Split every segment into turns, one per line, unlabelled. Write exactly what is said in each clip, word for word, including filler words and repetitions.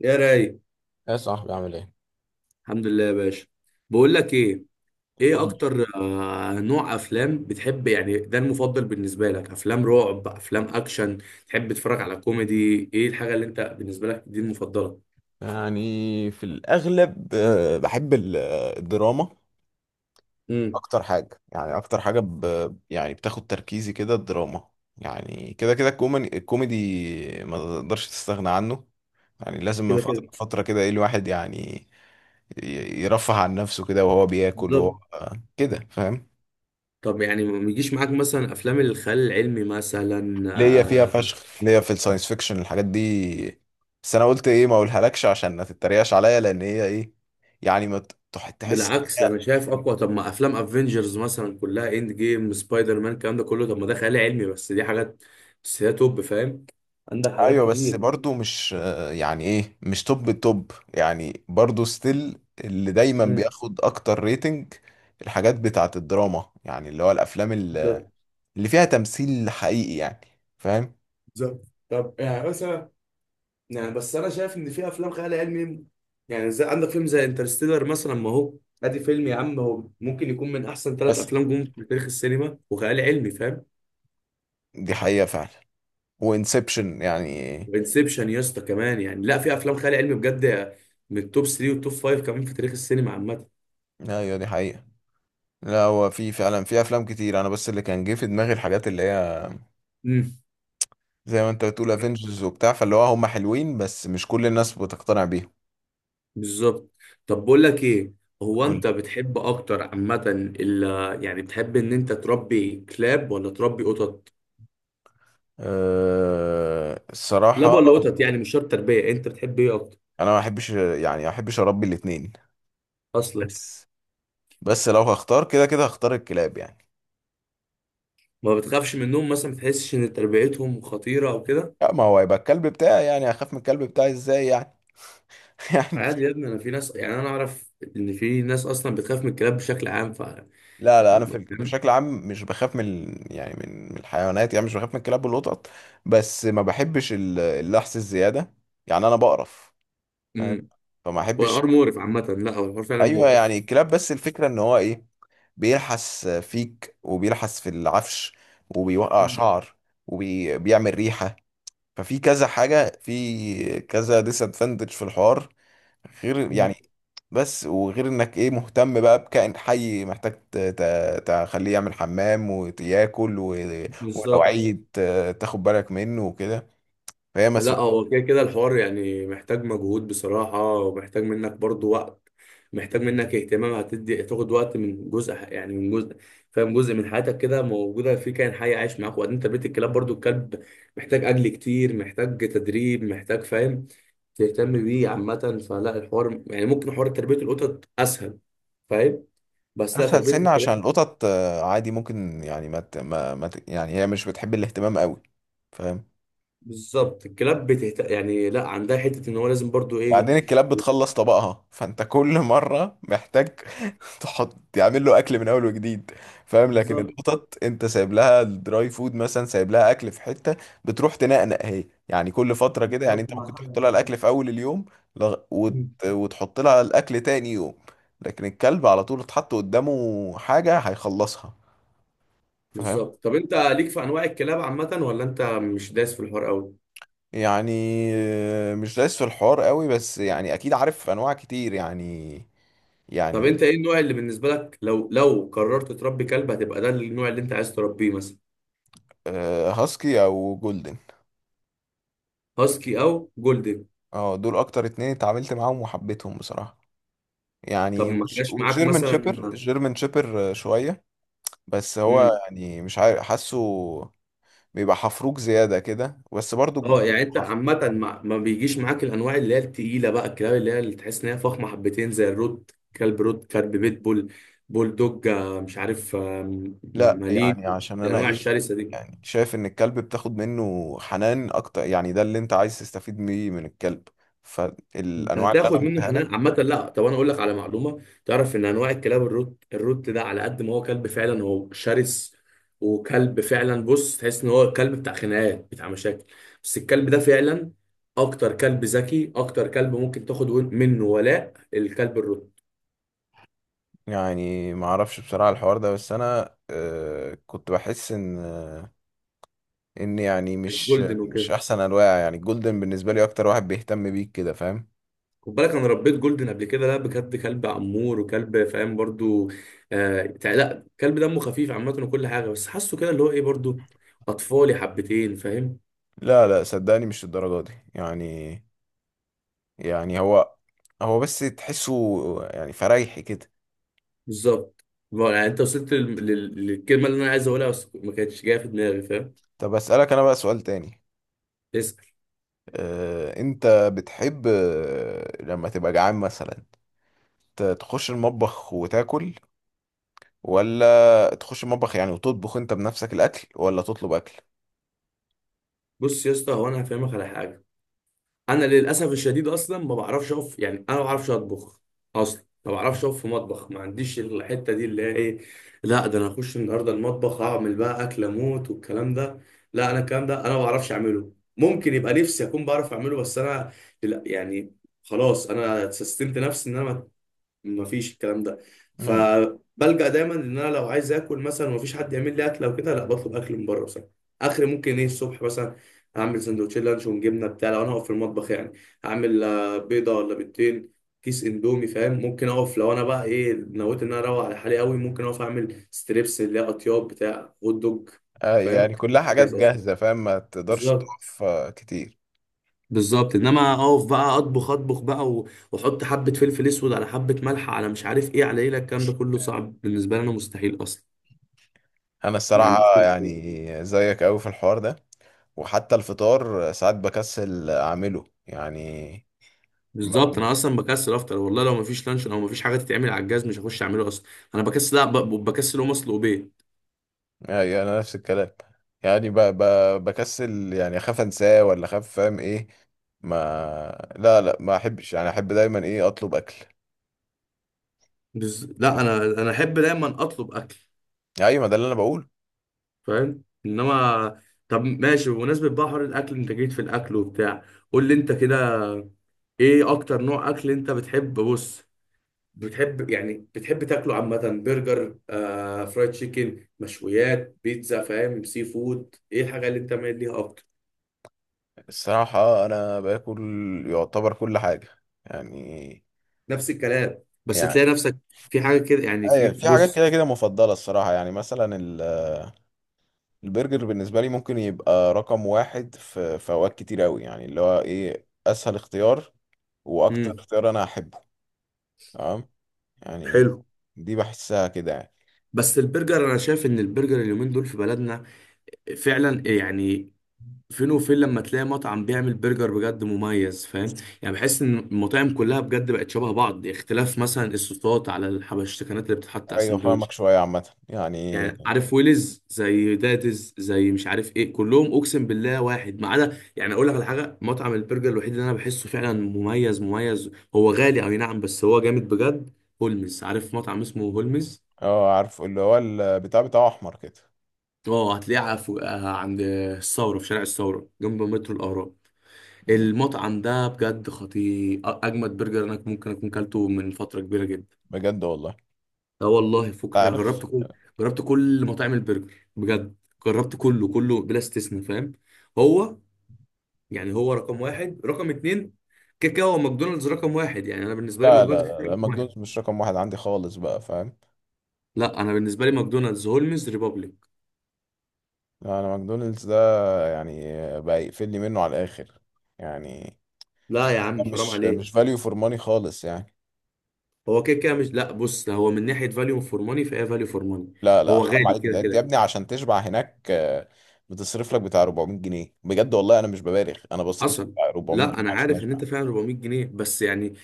يا راي.
يا صاحبي عامل ايه؟
الحمد لله يا باشا. بقول لك ايه، ايه
قول لي.
اكتر آه، نوع افلام بتحب؟ يعني ده المفضل بالنسبه لك، افلام رعب، افلام اكشن؟ تحب تتفرج على كوميدي؟ ايه الحاجه اللي انت بالنسبه لك دي المفضله؟
يعني في الأغلب آه، بحب ال- آه، الدراما.
امم
أكتر حاجة، يعني أكتر حاجة ب... يعني بتاخد تركيزي كده الدراما. يعني كده كده الكومن- الكوميدي ما تقدرش تستغنى عنه. يعني لازم من
كده
فترة
كده.
لفترة كده إيه الواحد يعني ي- يرفه عن نفسه كده وهو بياكل وهو
بالظبط.
آه، كده، فاهم.
طب يعني ما يجيش معاك مثلا افلام الخيال العلمي مثلا؟
ليا فيها
آه،
فشخ، ليا في الساينس فيكشن الحاجات دي. بس انا قلت ايه ما اقولهالكش عشان ما تتريقش عليا، لان هي ايه، يعني ما ت- تح- تحس
بالعكس،
إن
انا
هي.
شايف اقوى. طب ما افلام افنجرز مثلا كلها، اند جيم، سبايدر مان، الكلام ده كله، طب ما ده خيال علمي، بس دي حاجات، بس هي توب، فاهم. عندك حاجات
ايوه بس
كتير.
برضو مش آه، يعني ايه، مش توب التوب، يعني برضو ستيل اللي دايما
امم
بياخد اكتر ريتنج. الحاجات بتاعت الدراما، يعني اللي هو الافلام ال-
بالظبط.
اللي فيها تمثيل حقيقي يعني. فاهم.
بالظبط. طب يعني مثلا، يعني بس انا شايف ان في افلام خيال علمي، يعني زي عندك فيلم زي انترستيلر مثلا، ما هو ادي فيلم يا عم، هو ممكن يكون من احسن ثلاث
بس
افلام جم في تاريخ السينما، وخيال علمي، فاهم.
دي حقيقة فعلا. وانسبشن يعني.
وانسبشن يا اسطى كمان، يعني لا في افلام خيال علمي بجد، من التوب تلاتة والتوب خمسة كمان في تاريخ السينما عامه.
ايوه دي حقيقة. لا، هو في فعلا، في افلام كتير، انا بس اللي كان جه في دماغي الحاجات اللي هي
امم
زي ما انت بتقول افنجرز وبتاع، فاللي هو هم حلوين بس مش كل الناس بتقتنع بيهم.
بالظبط. طب بقول لك ايه، هو انت
قول.
بتحب اكتر عامه، ال- يعني بتحب ان انت تربي كلاب ولا تربي قطط؟
أه
كلاب
الصراحة،
ولا قطط؟ يعني مش شرط تربيه، انت بتحب ايه اكتر؟
انا ما احبش، يعني ما احبش اربي الاتنين.
اصلا
بس بس لو هختار، كده كده هختار الكلاب يعني.
ما بتخافش منهم مثلا؟ ما بتحسش ان تربيتهم خطيره او كده؟
لا، ما هو هيبقى الكلب بتاعي، يعني هخاف من الكلب بتاعي ازاي يعني؟ يعني،
عادي يا ابني، انا في ناس، يعني انا اعرف ان في ناس اصلا بتخاف من الكلاب بشكل عام، ف
لا لا انا في ال- بشكل عام مش بخاف من ال- يعني من من الحيوانات، يعني مش بخاف من الكلاب والقطط. بس ما بحبش ال- اللحس الزيادة، يعني انا بقرف. فاهم؟
امم
فما
هو
احبش.
الحوار مقرف عامه. لا هو الحوار فعلا
ايوه
مقرف.
يعني الكلاب، بس الفكره ان هو ايه، بيلحس فيك وبيلحس في العفش وبيوقع شعر وبيعمل ريحه. ففي كذا حاجه، في كذا ديس ادفانتج في الحوار، غير
مم.
يعني. بس، وغير انك ايه مهتم بقى بكائن حي محتاج ت- ت- تخليه يعمل حمام وياكل و، ولو
بالظبط.
عيد ت- تاخد بالك منه وكده. فهي
لا
مسؤوليه.
هو كده كده الحوار يعني محتاج مجهود بصراحة، ومحتاج منك برضو وقت، محتاج منك اهتمام، هتدي، هتاخد وقت من جزء ح- يعني من جزء، فاهم، جزء من حياتك كده موجودة في كائن حي عايش معاك. وبعدين تربية الكلاب برضو، الكلب محتاج أكل كتير، محتاج تدريب، محتاج، فاهم، تهتم بيه عامة. فلا، الحوار يعني ممكن، حوار تربية القطط أسهل، فاهم. بس لا
اسهل
تربية
سن
الكلاب،
عشان القطط آه، عادي ممكن يعني ما, ت... ما... ما ت... يعني هي مش بتحب الاهتمام قوي. فاهم.
بالظبط. الكلاب بتهت... يعني لا عندها حتة إن هو لازم برضو إيه.
بعدين الكلاب بتخلص طبقها، فانت كل مره محتاج تحط تعمل له اكل من اول وجديد. فاهم. لكن
بالظبط.
القطط انت سايب لها الدراي فود مثلا، سايب لها اكل في حته، بتروح تنقنق هي يعني كل فتره كده. يعني
بالظبط
انت ممكن
مع
تحط
حاجة
لها
كده.
الاكل في اول اليوم، لغ... وت... وتحط لها الاكل تاني يوم. لكن الكلب على طول اتحط قدامه حاجه هيخلصها. فاهم.
بالظبط. طب انت ليك في انواع الكلاب عامه ولا انت مش دايس في الحوار قوي؟
يعني آه، مش دايس في الحوار قوي، بس يعني اكيد عارف انواع كتير يعني.
طب
يعني
انت ايه النوع اللي بالنسبه لك، لو لو قررت تربي كلب هتبقى ده النوع اللي انت عايز تربيه مثلا؟
آه، هاسكي او جولدن.
هاسكي او جولدن.
اه دول اكتر اتنين اتعاملت معاهم وحبيتهم بصراحة
طب
يعني.
ما
وش-
جاش معاك
والجيرمن
مثلا؟
شيبر، الجيرمن شيبر آه، شوية، بس هو
امم
يعني مش عارف حاسه بيبقى حفروك زيادة كده بس برضو.
اه يعني انت
حفروك.
عامه ما... ما بيجيش معاك الانواع اللي هي التقيله بقى، الكلاب اللي هي اللي تحس ان هي فخمه حبتين، زي الروت كلب، روت كلب، بيت بول، بول دوج، آه، مش عارف، آه، م-
لا
مالين،
يعني، عشان انا
الانواع
ايه،
الشرسه دي؟
يعني شايف ان الكلب بتاخد منه حنان اكتر، يعني ده اللي انت عايز تستفيد بيه من الكلب،
انت
فالانواع اللي انا
هتاخد منه
قلتها
حنان
لك.
عامة. لا طب انا اقول لك على معلومة، تعرف ان انواع الكلاب الروت، الروت ده على قد ما هو كلب فعلا، هو شرس وكلب فعلا، بص، تحس ان هو كلب بتاع خناقات بتاع مشاكل، بس الكلب ده فعلا اكتر كلب ذكي، اكتر كلب ممكن تاخد ون- منه ولاء، الكلب الروت.
يعني ما اعرفش بصراحة الحوار ده، بس انا آه، كنت بحس ان آه، ان يعني مش
الجولدن
مش
وكده،
احسن انواع، يعني الجولدن بالنسبة لي اكتر واحد بيهتم بيك كده، فاهم.
خد بالك انا ربيت جولدن قبل كده، لا بجد كلب امور وكلب فاهم برضو، آه تع- لا كلب دمه خفيف عامة وكل حاجة، بس حاسه كده اللي هو ايه برضو اطفالي حبتين، فاهم.
لا لا صدقني مش الدرجة دي يعني. يعني هو، هو بس تحسه يعني فريحي كده.
بالظبط. ما هو يعني انت وصلت لل... لل... للكلمه اللي انا عايز اقولها بس ما كانتش جايه في دماغي، فاهم.
طب اسألك انا بقى سؤال تاني.
اسال.
آه، انت بتحب آه، لما تبقى جعان مثلا ت- تخش المطبخ وتاكل، ولا تخش المطبخ يعني وتطبخ انت بنفسك الاكل، ولا تطلب
بص يا اسطى، هو انا هفهمك على حاجه، انا للاسف الشديد اصلا ما بعرفش اقف، يعني انا ما بعرفش اطبخ، اصلا ما بعرفش اقف في مطبخ، ما عنديش الحته دي اللي هي ايه. لا ده انا هخش النهارده المطبخ اعمل بقى اكل اموت والكلام ده، لا انا الكلام ده انا ما بعرفش اعمله. ممكن يبقى نفسي اكون بعرف اعمله، بس انا لا يعني، خلاص انا سستمت نفسي ان انا مفيش الكلام ده.
اكل؟
فبلجأ دايما ان انا لو عايز اكل مثلا ومفيش حد يعمل لي اكل او كده، لا بطلب اكل من بره مثلا. اخر ممكن ايه، الصبح مثلا اعمل سندوتشين لانشون جبنه بتاع، لو انا هقف في المطبخ يعني اعمل آه، بيضه ولا بيضتين، كيس اندومي، فاهم. ممكن اقف لو انا بقى ايه نويت ان انا اروق على حالي قوي، ممكن اقف اعمل ستريبس اللي هي اطياب بتاع هوت دوج،
آه،
فاهم،
يعني كلها حاجات
جاهز اصلا.
جاهزة، فاهم، ما تقدرش
بالظبط.
تقف آه، كتير.
بالظبط انما اقف بقى اطبخ، اطبخ بقى و- واحط حبه فلفل اسود على حبه ملح على مش عارف ايه على ايه، لا الكلام ده كله صعب بالنسبه لي انا، مستحيل اصلا.
انا
ما
الصراحة
عنديش تل-
يعني زيك قوي في الحوار ده. وحتى الفطار آه، ساعات بكسل اعمله يعني.
بالظبط
بقوم،
انا اصلا بكسل افطر والله، لو ما فيش لانشون او ما فيش حاجه تتعمل على الجهاز مش هخش اعمله اصلا. انا بكسل، لا ب- بكسل اقوم اصل وبيت.
آه، يعني انا نفس الكلام يعني ب... ب... بكسل، يعني اخاف انساه ولا اخاف، فاهم ايه. ما، لا لا ما احبش، يعني احب دايما ايه اطلب اكل.
بز... لا
آه،
انا انا احب دايما اطلب اكل،
ايوه ما ده اللي انا بقول.
فاهم انما. طب ماشي، بمناسبه بقى حوار الاكل انت جيت في الاكل وبتاع، قول لي انت كده، ايه اكتر نوع اكل انت بتحب، بص، بتحب، يعني بتحب تاكله عامة؟ برجر، آه، فرايد تشيكن، مشويات، بيتزا، فاهم، سي فود، ايه الحاجة اللي انت مايل ليها اكتر؟
الصراحة انا باكل يعتبر كل حاجة يعني.
نفس الكلام، بس تلاقي
يعني
نفسك في حاجة كده يعني، في،
ايوه في حاجات،
بص.
كده كده مفضلة الصراحة. يعني مثلا ال- البرجر بالنسبة لي ممكن يبقى رقم واحد في في اوقات كتير اوي، يعني اللي هو ايه اسهل اختيار واكتر
امم
اختيار انا احبه. تمام. يعني
حلو.
دي بحسها كده يعني.
بس البرجر، انا شايف ان البرجر اليومين دول في بلدنا فعلا يعني، فين وفين لما تلاقي مطعم بيعمل برجر بجد مميز، فاهم. يعني بحس ان المطاعم كلها بجد بقت شبه بعض، اختلاف مثلا الصوصات على الحبشتكنات اللي بتتحط على
ايوه فاهمك،
السندوتش
شوية عامة يعني.
يعني، عارف ويلز زي داتز زي مش عارف ايه، كلهم اقسم بالله واحد ما عدا، يعني اقول لك على حاجه، مطعم البرجر الوحيد اللي انا بحسه فعلا مميز مميز، هو غالي اي نعم بس هو جامد بجد، هولمز، عارف مطعم اسمه هولمز؟
اه عارف، اللي هو البتاع بتاعه احمر كده.
اه هتلاقيه على فوق- آه، عند الثوره، في شارع الثوره جنب مترو الاهرام.
مم.
المطعم ده بجد خطير، أ- اجمد برجر انا ممكن اكون كلته من فتره كبيره جدا.
بجد والله.
اه والله فكك، انا
عارف.
جربت كل جربت كل مطاعم البرجر بجد، جربت كله كله بلا استثناء، فاهم. هو يعني هو رقم واحد رقم اتنين كده كده، هو ماكدونالدز رقم واحد، يعني انا بالنسبه لي
لا
ماكدونالدز
لا
كده
لا,
كده
لا
رقم واحد.
ماكدونالدز مش رقم واحد عندي خالص بقى، فاهم.
لا انا بالنسبه لي، ماكدونالدز، هولمز، ريبابليك.
لا، انا ماكدونالدز ده يعني بقى يقفلني منه على الاخر يعني.
لا يا عم حرام
مش
عليك.
مش فاليو فور ماني خالص يعني.
هو كده كده مش، لا بص، ده هو من ناحيه فاليو فور ماني فهي فاليو فور ماني.
لا لا
هو
حرام
غالي
عليك،
كده
ده يا ابني
كده.
عشان تشبع هناك آه، بتصرف لك بتاع اربعمائة جنيه، بجد والله انا مش ببالغ، انا بصرف
حصل.
بتاع 400
لا
جنيه
انا
عشان
عارف ان
اشبع.
انت فعلا اربعمية جنيه، بس يعني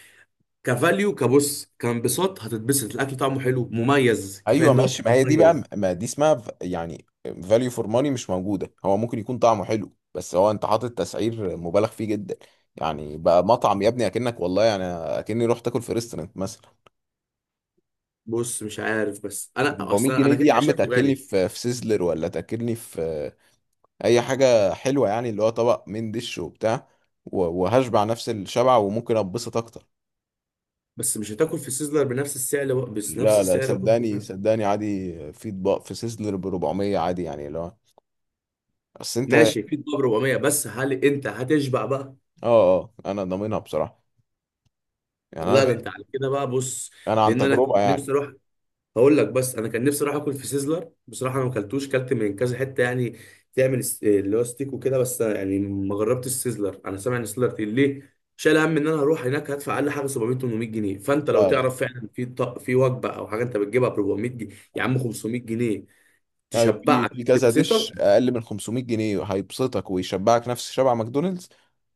كفاليو، كبص، كانبساط، هتتبسط الاكل طعمه حلو مميز، كفايه
ايوه
انه
ماشي، ما هي دي بقى
مميز.
ما دي اسمها ف- يعني فاليو فور ماني مش موجوده. هو ممكن يكون طعمه حلو، بس هو انت حاطط تسعير مبالغ فيه جدا، يعني بقى مطعم يا ابني، اكنك والله يعني اكني رحت اكل في ريستورانت مثلا.
بص مش عارف، بس انا
400
اصلا
جنيه
انا
دي
كده
يا
كده
عم
شايفه
تاكلني
غالي.
في في سيزلر، ولا تاكلني في اي حاجه حلوه، يعني اللي هو طبق من دش وبتاع، و، وهشبع نفس الشبع وممكن اتبسط اكتر.
بس مش هتاكل في سيزلر بنفس السعر، بق- بس نفس
لا لا
السعر برضه،
صدقني
فاهم.
صدقني عادي، في اطباق في سيزلر ب اربعمية عادي، يعني اللي هو، بس انت اه.
ماشي، في دباب أربعمائة، بس هل انت هتشبع بقى؟
اه انا ضامنها بصراحه، يعني انا
لا ده انت
بقيت،
على كده بقى، بص،
انا عن
لان انا
تجربه
كنت نفسي
يعني.
اروح، هقول لك، بس انا كان نفسي اروح اكل في سيزلر بصراحه، انا ما اكلتوش، كلت من كذا حته يعني، تعمل س- اللي هو ستيك وكده، بس أنا يعني ما جربتش السيزلر، انا سامع ان السيزلر تقيل، ليه شايل هم ان انا هروح هناك هدفع اقل حاجه سبعمائة ثمانمائة جنيه؟ فانت لو
لا لا
تعرف فعلا في طق، في وجبه او حاجه انت بتجيبها ب أربعمائة جنيه يا عم، خمسمائة جنيه،
ايوه، في في
تشبعك
كذا
تبسطك.
دش اقل من خمسمائة جنيه هيبسطك ويشبعك نفس شبع ماكدونالدز.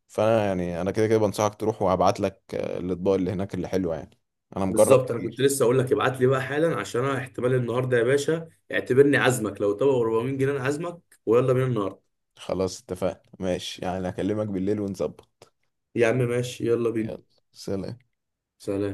فانا يعني انا كده كده بنصحك تروح، وهبعت لك آه، الاطباق اللي هناك اللي حلوه يعني، انا مجرب
بالظبط انا كنت
كتير.
لسه اقول لك ابعت لي بقى حالا، عشان انا احتمال النهارده يا باشا اعتبرني عزمك، لو طبق اربعمية جنيه انا عزمك، ويلا بينا النهارده.
خلاص اتفقنا ماشي، يعني هكلمك بالليل ونظبط.
يا عم ماشي، يلا بينا.
يلا. سلام.
سلام.